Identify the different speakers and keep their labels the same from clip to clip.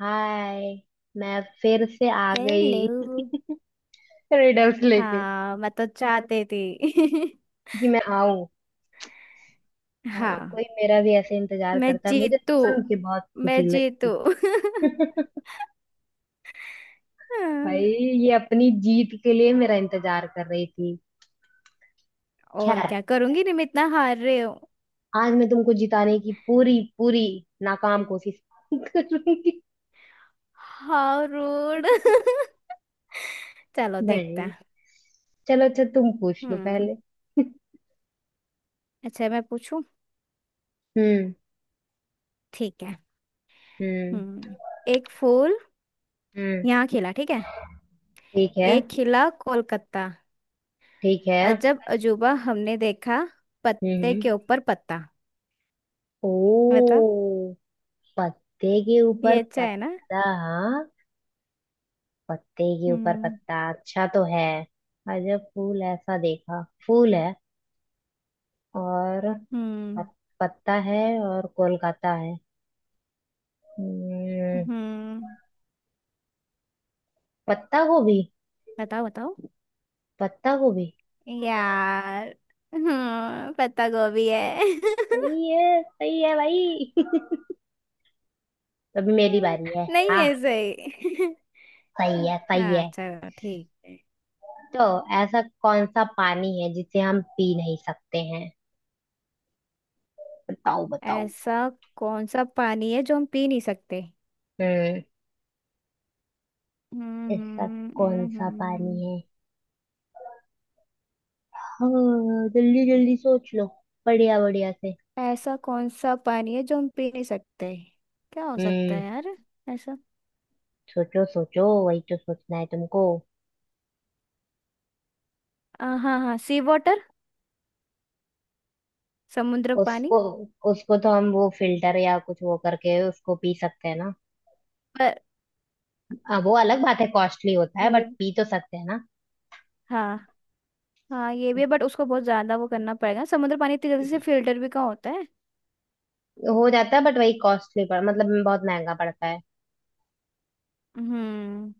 Speaker 1: हाय। मैं फिर से आ गई
Speaker 2: हेलो।
Speaker 1: रिडल्स लेके
Speaker 2: हाँ, मैं तो चाहती थी।
Speaker 1: कि मैं आऊं। हाय,
Speaker 2: हाँ।
Speaker 1: कोई मेरा भी ऐसे इंतजार
Speaker 2: मैं
Speaker 1: करता है, मुझे
Speaker 2: जीतू,
Speaker 1: सुन के बहुत
Speaker 2: मैं
Speaker 1: खुशी
Speaker 2: जीतू।
Speaker 1: लगी। भाई, ये अपनी जीत के लिए मेरा इंतजार कर रही थी।
Speaker 2: और
Speaker 1: खैर,
Speaker 2: क्या करूंगी, तुम इतना हार रहे हो।
Speaker 1: आज मैं तुमको जिताने की पूरी पूरी नाकाम कोशिश करूंगी।
Speaker 2: How rude. चलो देखते
Speaker 1: नहीं,
Speaker 2: हैं।
Speaker 1: चलो अच्छा तुम पूछ लो
Speaker 2: हम्म।
Speaker 1: पहले।
Speaker 2: अच्छा, मैं पूछूं?
Speaker 1: हम्म।
Speaker 2: ठीक है।
Speaker 1: हम्म।
Speaker 2: हम्म। एक फूल
Speaker 1: हम्म।
Speaker 2: यहाँ खिला, ठीक है?
Speaker 1: ठीक है।
Speaker 2: एक खिला कोलकाता।
Speaker 1: ठीक है।
Speaker 2: अजब अजूबा हमने देखा,
Speaker 1: हम्म।
Speaker 2: पत्ते के
Speaker 1: हम्म।
Speaker 2: ऊपर पत्ता।
Speaker 1: ओ,
Speaker 2: बता।
Speaker 1: पत्ते के
Speaker 2: ये
Speaker 1: ऊपर
Speaker 2: अच्छा है ना?
Speaker 1: पत्ता। पत्ते के ऊपर
Speaker 2: हम्म
Speaker 1: पत्ता अच्छा तो है। अजब फूल ऐसा देखा, फूल है और पत,
Speaker 2: हम्म
Speaker 1: पत्ता है और कोलकाता है। हम्म,
Speaker 2: हम्म।
Speaker 1: पत्ता गोभी।
Speaker 2: बताओ बताओ
Speaker 1: पत्ता गोभी।
Speaker 2: यार। हम्म, पत्ता गोभी है।
Speaker 1: सही है भाई अभी मेरी बारी है।
Speaker 2: नहीं
Speaker 1: हाँ,
Speaker 2: है सही।
Speaker 1: सही है सही
Speaker 2: हाँ,
Speaker 1: है।
Speaker 2: चलो ठीक है।
Speaker 1: तो ऐसा कौन सा पानी है जिसे हम पी नहीं सकते हैं? बताओ बताओ।
Speaker 2: ऐसा कौन सा पानी है जो हम पी नहीं सकते?
Speaker 1: हम्म, ऐसा कौन सा पानी
Speaker 2: हम्म।
Speaker 1: है? हाँ, जल्दी जल्दी सोच लो, बढ़िया बढ़िया से।
Speaker 2: ऐसा कौन सा पानी है जो हम पी नहीं सकते? क्या हो सकता
Speaker 1: हम्म,
Speaker 2: है यार? ऐसा
Speaker 1: सोचो सोचो, वही तो सोचना है तुमको।
Speaker 2: हाँ हाँ, सी वाटर। समुद्र पानी।
Speaker 1: उसको उसको तो हम वो फिल्टर या कुछ वो करके उसको पी सकते हैं ना?
Speaker 2: पर
Speaker 1: हाँ, वो अलग बात है, कॉस्टली होता है,
Speaker 2: ये,
Speaker 1: बट पी तो सकते हैं ना?
Speaker 2: हाँ। हाँ ये भी है बट उसको बहुत ज्यादा वो करना पड़ेगा। समुद्र पानी इतनी जल्दी से फिल्टर भी कहाँ होता है।
Speaker 1: हो जाता है, बट वही कॉस्टली पड़ मतलब बहुत महंगा पड़ता है।
Speaker 2: हम्म।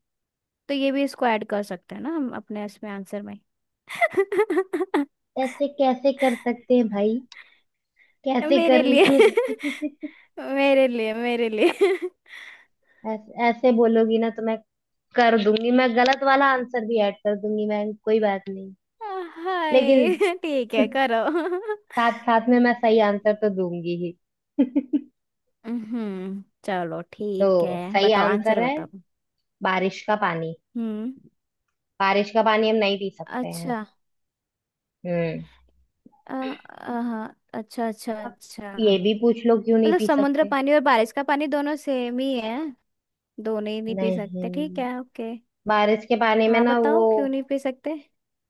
Speaker 2: तो ये भी इसको ऐड कर सकते हैं ना हम अपने इसमें आंसर में।
Speaker 1: ऐसे कैसे कर सकते हैं भाई? कैसे
Speaker 2: मेरे
Speaker 1: कर
Speaker 2: लिए।
Speaker 1: लेंगे?
Speaker 2: मेरे लिए, मेरे लिए।
Speaker 1: ऐसे बोलोगी ना तो मैं कर दूंगी, मैं गलत वाला आंसर भी ऐड कर दूंगी मैं, कोई बात नहीं। लेकिन
Speaker 2: हाय। ठीक है, करो।
Speaker 1: साथ साथ में मैं सही आंसर तो दूंगी ही।
Speaker 2: हम्म, चलो ठीक है,
Speaker 1: तो सही
Speaker 2: बताओ
Speaker 1: आंसर
Speaker 2: आंसर
Speaker 1: है
Speaker 2: बताओ।
Speaker 1: बारिश का पानी।
Speaker 2: हम्म।
Speaker 1: बारिश का पानी हम नहीं पी सकते हैं।
Speaker 2: अच्छा।
Speaker 1: हम्म।
Speaker 2: अच्छा अच्छा
Speaker 1: अब
Speaker 2: अच्छा।
Speaker 1: ये भी पूछ लो क्यों नहीं
Speaker 2: मतलब
Speaker 1: पी
Speaker 2: समुद्र
Speaker 1: सकते।
Speaker 2: पानी और बारिश का पानी दोनों सेम ही है? दोनों ही नहीं पी सकते? ठीक
Speaker 1: नहीं,
Speaker 2: है, ओके।
Speaker 1: बारिश के पानी में
Speaker 2: हाँ,
Speaker 1: ना वो
Speaker 2: बताओ क्यों नहीं पी सकते।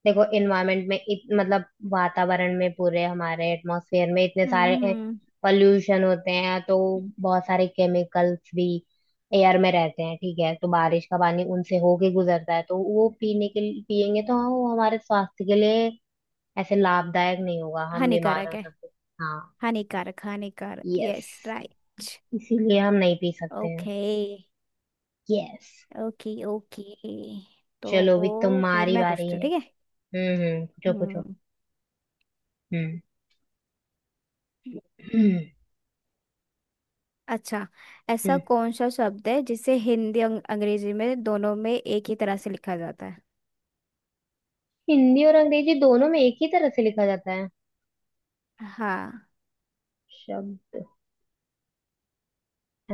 Speaker 1: देखो एनवायरनमेंट में मतलब वातावरण में, पूरे हमारे एटमॉस्फेयर में इतने सारे
Speaker 2: हम्म।
Speaker 1: पॉल्यूशन होते हैं, तो बहुत सारे केमिकल्स भी एयर में रहते हैं, ठीक है, तो बारिश का पानी उनसे होके गुजरता है, तो वो पीने के लिए पियेंगे तो वो हमारे स्वास्थ्य के लिए ऐसे लाभदायक नहीं होगा, हम बीमार
Speaker 2: हानिकारक
Speaker 1: हो
Speaker 2: है।
Speaker 1: सकते। हाँ।
Speaker 2: हानिकारक हानिकारक,
Speaker 1: यस,
Speaker 2: यस राइट।
Speaker 1: इसीलिए हम नहीं पी सकते हैं।
Speaker 2: ओके।
Speaker 1: यस।
Speaker 2: Okay okay. तो
Speaker 1: चलो अभी
Speaker 2: फिर
Speaker 1: तुम्हारी
Speaker 2: मैं
Speaker 1: बारी
Speaker 2: पूछती हूँ,
Speaker 1: है।
Speaker 2: ठीक है?
Speaker 1: हम्म, पूछो पूछो।
Speaker 2: हम्म।
Speaker 1: हम्म।
Speaker 2: अच्छा, ऐसा
Speaker 1: हम्म।
Speaker 2: कौन सा शब्द है जिसे हिंदी अंग्रेजी में, दोनों में एक ही तरह से लिखा जाता है?
Speaker 1: हिंदी और अंग्रेजी दोनों में एक ही तरह से लिखा जाता है
Speaker 2: हाँ।
Speaker 1: शब्द?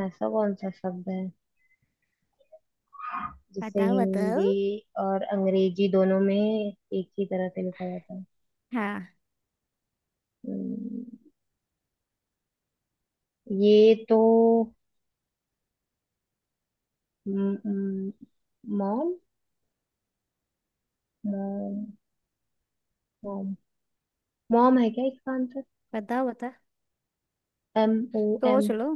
Speaker 1: ऐसा कौन सा शब्द है जिसे
Speaker 2: बताओ बताओ।
Speaker 1: हिंदी और अंग्रेजी दोनों में एक ही तरह से लिखा जाता है?
Speaker 2: हाँ
Speaker 1: हम्म, ये तो मॉम। मॉम। मॉम है क्या इसका आंसर?
Speaker 2: बताओ बताओ।
Speaker 1: MOM।
Speaker 2: सोच लो।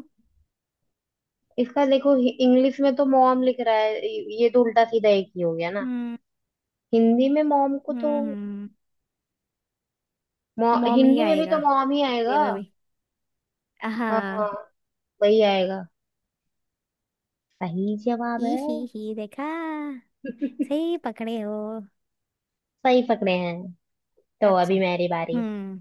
Speaker 1: इसका देखो, इंग्लिश में तो मॉम लिख रहा है, ये तो उल्टा सीधा एक ही हो गया ना।
Speaker 2: हम्म
Speaker 1: हिंदी में मॉम को तो
Speaker 2: हम्म। मॉम ही
Speaker 1: हिंदी में भी
Speaker 2: आएगा
Speaker 1: तो मॉम ही
Speaker 2: हिंदी
Speaker 1: आएगा।
Speaker 2: में भी। हाँ।
Speaker 1: हाँ, वही आएगा, सही जवाब है।
Speaker 2: ही, देखा? सही पकड़े हो।
Speaker 1: सही पकड़े हैं। तो
Speaker 2: अच्छा,
Speaker 1: अभी मेरी बारी।
Speaker 2: हम्म।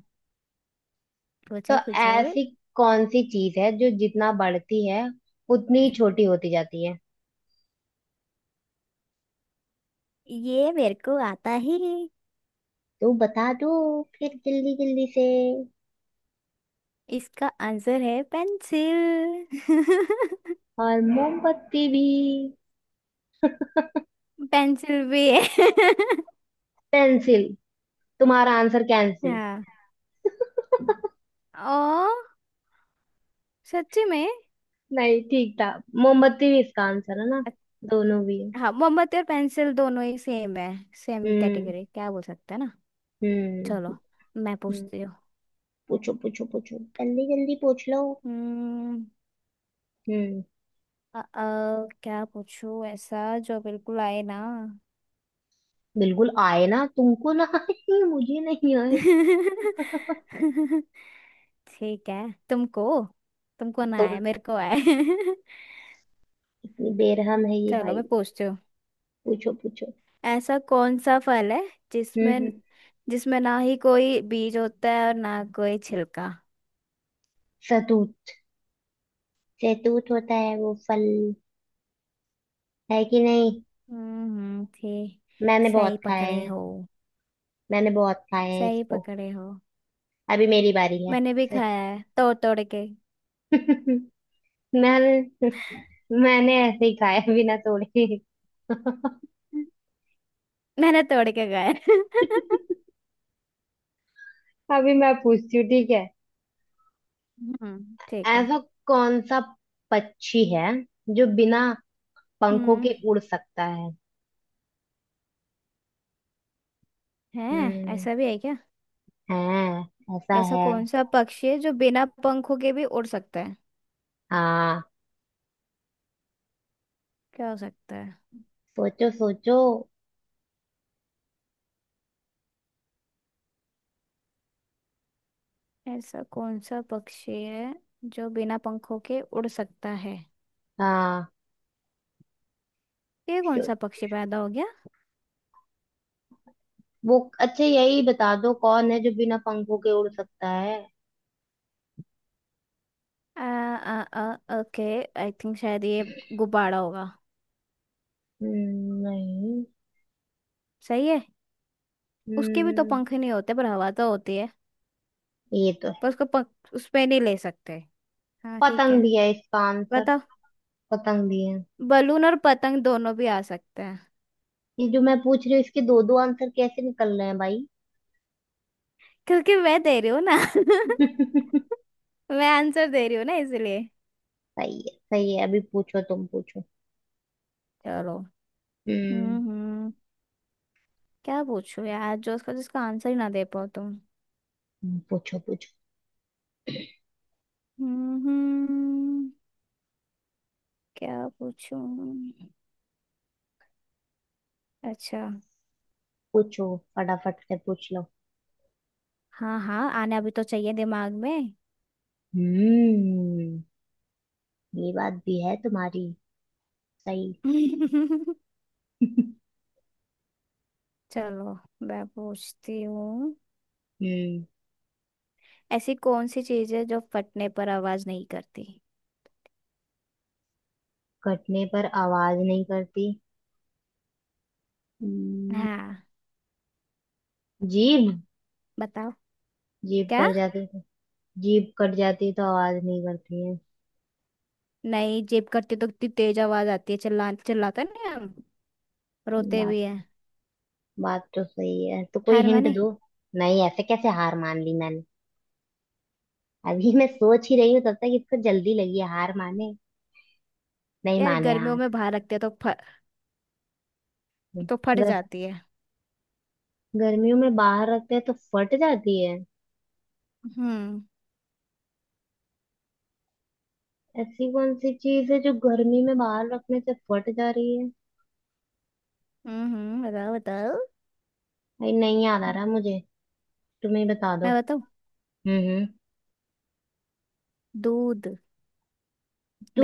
Speaker 1: तो
Speaker 2: पूछो पूछो।
Speaker 1: ऐसी कौन सी चीज है जो जितना बढ़ती है उतनी ही छोटी होती जाती है?
Speaker 2: ये मेरे को आता ही।
Speaker 1: तो बता दो फिर जल्दी जल्दी से।
Speaker 2: इसका आंसर है पेंसिल।
Speaker 1: और मोमबत्ती भी।
Speaker 2: पेंसिल भी है।
Speaker 1: पेंसिल, तुम्हारा आंसर कैंसिल।
Speaker 2: हाँ। ओ, सच्ची में?
Speaker 1: नहीं, ठीक था, मोमबत्ती भी इसका आंसर है ना,
Speaker 2: अच्छ-
Speaker 1: दोनों भी है।
Speaker 2: हाँ, मोमबत्ती और पेंसिल दोनों ही सेम है। सेम
Speaker 1: हम्म।
Speaker 2: कैटेगरी क्या बोल सकते हैं ना।
Speaker 1: हम्म।
Speaker 2: चलो मैं
Speaker 1: हम्म,
Speaker 2: पूछती हूँ।
Speaker 1: पूछो पूछो पूछो, जल्दी जल्दी पूछ लो।
Speaker 2: हम्म।
Speaker 1: हम्म।
Speaker 2: अ, अ, क्या पूछूं ऐसा जो बिल्कुल आए ना।
Speaker 1: बिल्कुल आए ना तुमको ना आए मुझे नहीं आए
Speaker 2: ठीक है। तुमको, तुमको ना
Speaker 1: तो,
Speaker 2: आए मेरे को आए।
Speaker 1: इतनी बेरहम है ये
Speaker 2: चलो
Speaker 1: भाई।
Speaker 2: मैं पूछती हूँ।
Speaker 1: पूछो पूछो।
Speaker 2: ऐसा कौन सा फल है
Speaker 1: हम्म।
Speaker 2: जिसमें, जिसमें ना ही कोई बीज होता है और ना कोई छिलका?
Speaker 1: सतूत। सतूत होता है वो फल, है कि नहीं?
Speaker 2: हम्म, ठीक।
Speaker 1: मैंने
Speaker 2: सही
Speaker 1: बहुत खाए
Speaker 2: पकड़े
Speaker 1: हैं।
Speaker 2: हो।
Speaker 1: मैंने बहुत खाए हैं
Speaker 2: सही
Speaker 1: इसको।
Speaker 2: पकड़े हो।
Speaker 1: अभी मेरी बारी है।
Speaker 2: मैंने भी खाया है तोड़ तोड़ के।
Speaker 1: मैंने मैंने ऐसे ही खाया बिना तोड़े।
Speaker 2: मैंने तोड़ के खाया है।
Speaker 1: अभी मैं पूछती हूँ, ठीक है?
Speaker 2: हम्म, ठीक है।
Speaker 1: ऐसा कौन सा पक्षी है जो बिना पंखों
Speaker 2: हम्म।
Speaker 1: के उड़ सकता है?
Speaker 2: है।
Speaker 1: हम्म।
Speaker 2: ऐसा भी है क्या?
Speaker 1: हाँ, ऐसा
Speaker 2: ऐसा
Speaker 1: है।
Speaker 2: कौन सा पक्षी है जो बिना पंखों के भी उड़ सकता है?
Speaker 1: हाँ,
Speaker 2: क्या हो सकता है?
Speaker 1: सोचो सोचो।
Speaker 2: ऐसा कौन सा पक्षी है जो बिना पंखों के उड़ सकता है?
Speaker 1: हाँ,
Speaker 2: ये कौन
Speaker 1: शो-
Speaker 2: सा पक्षी पैदा हो गया?
Speaker 1: वो अच्छा यही बता दो कौन है जो बिना पंखों के उड़ सकता है।
Speaker 2: आ, ओके, आई थिंक शायद ये गुब्बारा होगा।
Speaker 1: नहीं।
Speaker 2: सही है। उसके भी तो
Speaker 1: हम्म,
Speaker 2: पंख नहीं होते पर हवा तो होती है।
Speaker 1: ये तो
Speaker 2: पर
Speaker 1: है।
Speaker 2: उसको पंख उस पे नहीं ले सकते। हाँ, ठीक
Speaker 1: पतंग
Speaker 2: है।
Speaker 1: भी है इसका आंसर।
Speaker 2: बताओ।
Speaker 1: पतंग भी है।
Speaker 2: बलून और पतंग दोनों भी आ सकते हैं।
Speaker 1: ये जो मैं पूछ रही हूँ इसके दो दो आंसर कैसे निकल रहे हैं भाई?
Speaker 2: क्योंकि मैं दे रही हूँ ना। मैं आंसर दे रही हूँ ना, इसलिए।
Speaker 1: सही है सही है। अभी पूछो, तुम पूछो।
Speaker 2: चलो।
Speaker 1: हम्म।
Speaker 2: हम्म। क्या पूछूं यार, जो उसका जिसका आंसर ही ना दे पाओ तुम।
Speaker 1: पूछो पूछो
Speaker 2: हम्म। क्या पूछूं? अच्छा।
Speaker 1: पूछो फटाफट से पूछ लो।
Speaker 2: हाँ हाँ, आना भी तो चाहिए दिमाग में।
Speaker 1: हम्म। ये बात भी है तुम्हारी सही।
Speaker 2: चलो मैं पूछती हूँ।
Speaker 1: हम्म।
Speaker 2: ऐसी कौन सी चीज है जो फटने पर आवाज नहीं करती?
Speaker 1: कटने पर आवाज नहीं करती? हम्म,
Speaker 2: हाँ
Speaker 1: जीभ।
Speaker 2: बताओ।
Speaker 1: जीभ
Speaker 2: क्या?
Speaker 1: कट जाती तो। जीभ कट जाती तो आवाज नहीं करती है।
Speaker 2: नहीं, जेब करते तो इतनी तेज आवाज आती है, चिल्ला चिल्लाते नहीं हम? रोते
Speaker 1: बात
Speaker 2: भी हैं।
Speaker 1: बात तो सही है, तो कोई
Speaker 2: हार
Speaker 1: हिंट
Speaker 2: माने?
Speaker 1: दो। नहीं, ऐसे कैसे हार मान ली मैंने, अभी मैं सोच ही रही हूँ तब तक इसको जल्दी लगी है हार माने। नहीं
Speaker 2: यार,
Speaker 1: माने
Speaker 2: गर्मियों
Speaker 1: हार।
Speaker 2: में बाहर रखते हैं तो तो फट
Speaker 1: गर,
Speaker 2: जाती है।
Speaker 1: गर्मियों में बाहर रखते हैं तो फट जाती है।
Speaker 2: हम्म
Speaker 1: ऐसी कौन सी चीज है जो गर्मी में बाहर रखने से फट जा रही है?
Speaker 2: हम्म। बताओ बताओ।
Speaker 1: भाई, नहीं याद आ रहा मुझे, तुम्हें बता दो।
Speaker 2: मैं बताऊँ?
Speaker 1: हम्म।
Speaker 2: दूध।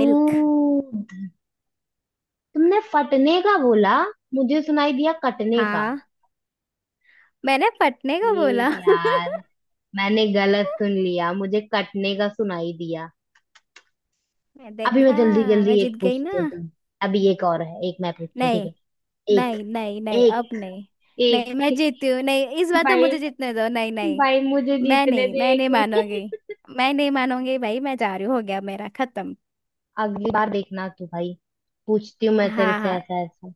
Speaker 2: मिल्क।
Speaker 1: तुमने फटने का बोला, मुझे सुनाई दिया कटने का।
Speaker 2: हाँ, मैंने फटने को
Speaker 1: ये
Speaker 2: बोला।
Speaker 1: यार, मैंने गलत सुन लिया, मुझे कटने का सुनाई दिया।
Speaker 2: मैं
Speaker 1: अभी मैं
Speaker 2: देखा।
Speaker 1: जल्दी
Speaker 2: मैं
Speaker 1: जल्दी
Speaker 2: जीत
Speaker 1: एक
Speaker 2: गई ना?
Speaker 1: पूछती हूँ तुम। अभी एक और है, एक मैं पूछती हूँ ठीक
Speaker 2: नहीं
Speaker 1: है। एक,
Speaker 2: नहीं नहीं, नहीं अब नहीं। नहीं, मैं
Speaker 1: एक, एक।
Speaker 2: जीती हूँ, नहीं इस बार तो मुझे
Speaker 1: भाई,
Speaker 2: जीतने दो, नहीं नहीं।
Speaker 1: भाई मुझे
Speaker 2: मैं
Speaker 1: जीतने
Speaker 2: नहीं,
Speaker 1: दे
Speaker 2: मैं नहीं
Speaker 1: एक।
Speaker 2: मानूंगी। मैं नहीं मानूंगी भाई, मैं जा रही हूँ, हो गया मेरा खत्म।
Speaker 1: अगली बार देखना तू भाई, पूछती हूँ मैं तेरे
Speaker 2: हाँ
Speaker 1: से
Speaker 2: हाँ,
Speaker 1: ऐसा ऐसा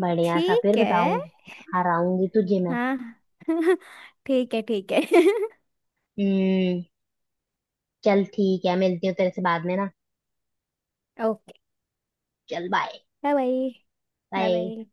Speaker 1: बढ़िया सा, फिर
Speaker 2: ठीक है।
Speaker 1: बताऊंगी। हराऊंगी तुझे मैं।
Speaker 2: हाँ। ठीक है, ठीक है।
Speaker 1: हम्म, चल ठीक है, मिलती हूँ तेरे से बाद में ना।
Speaker 2: ओके,
Speaker 1: चल bye.
Speaker 2: Bye. Bye bye.
Speaker 1: Bye.
Speaker 2: Bye.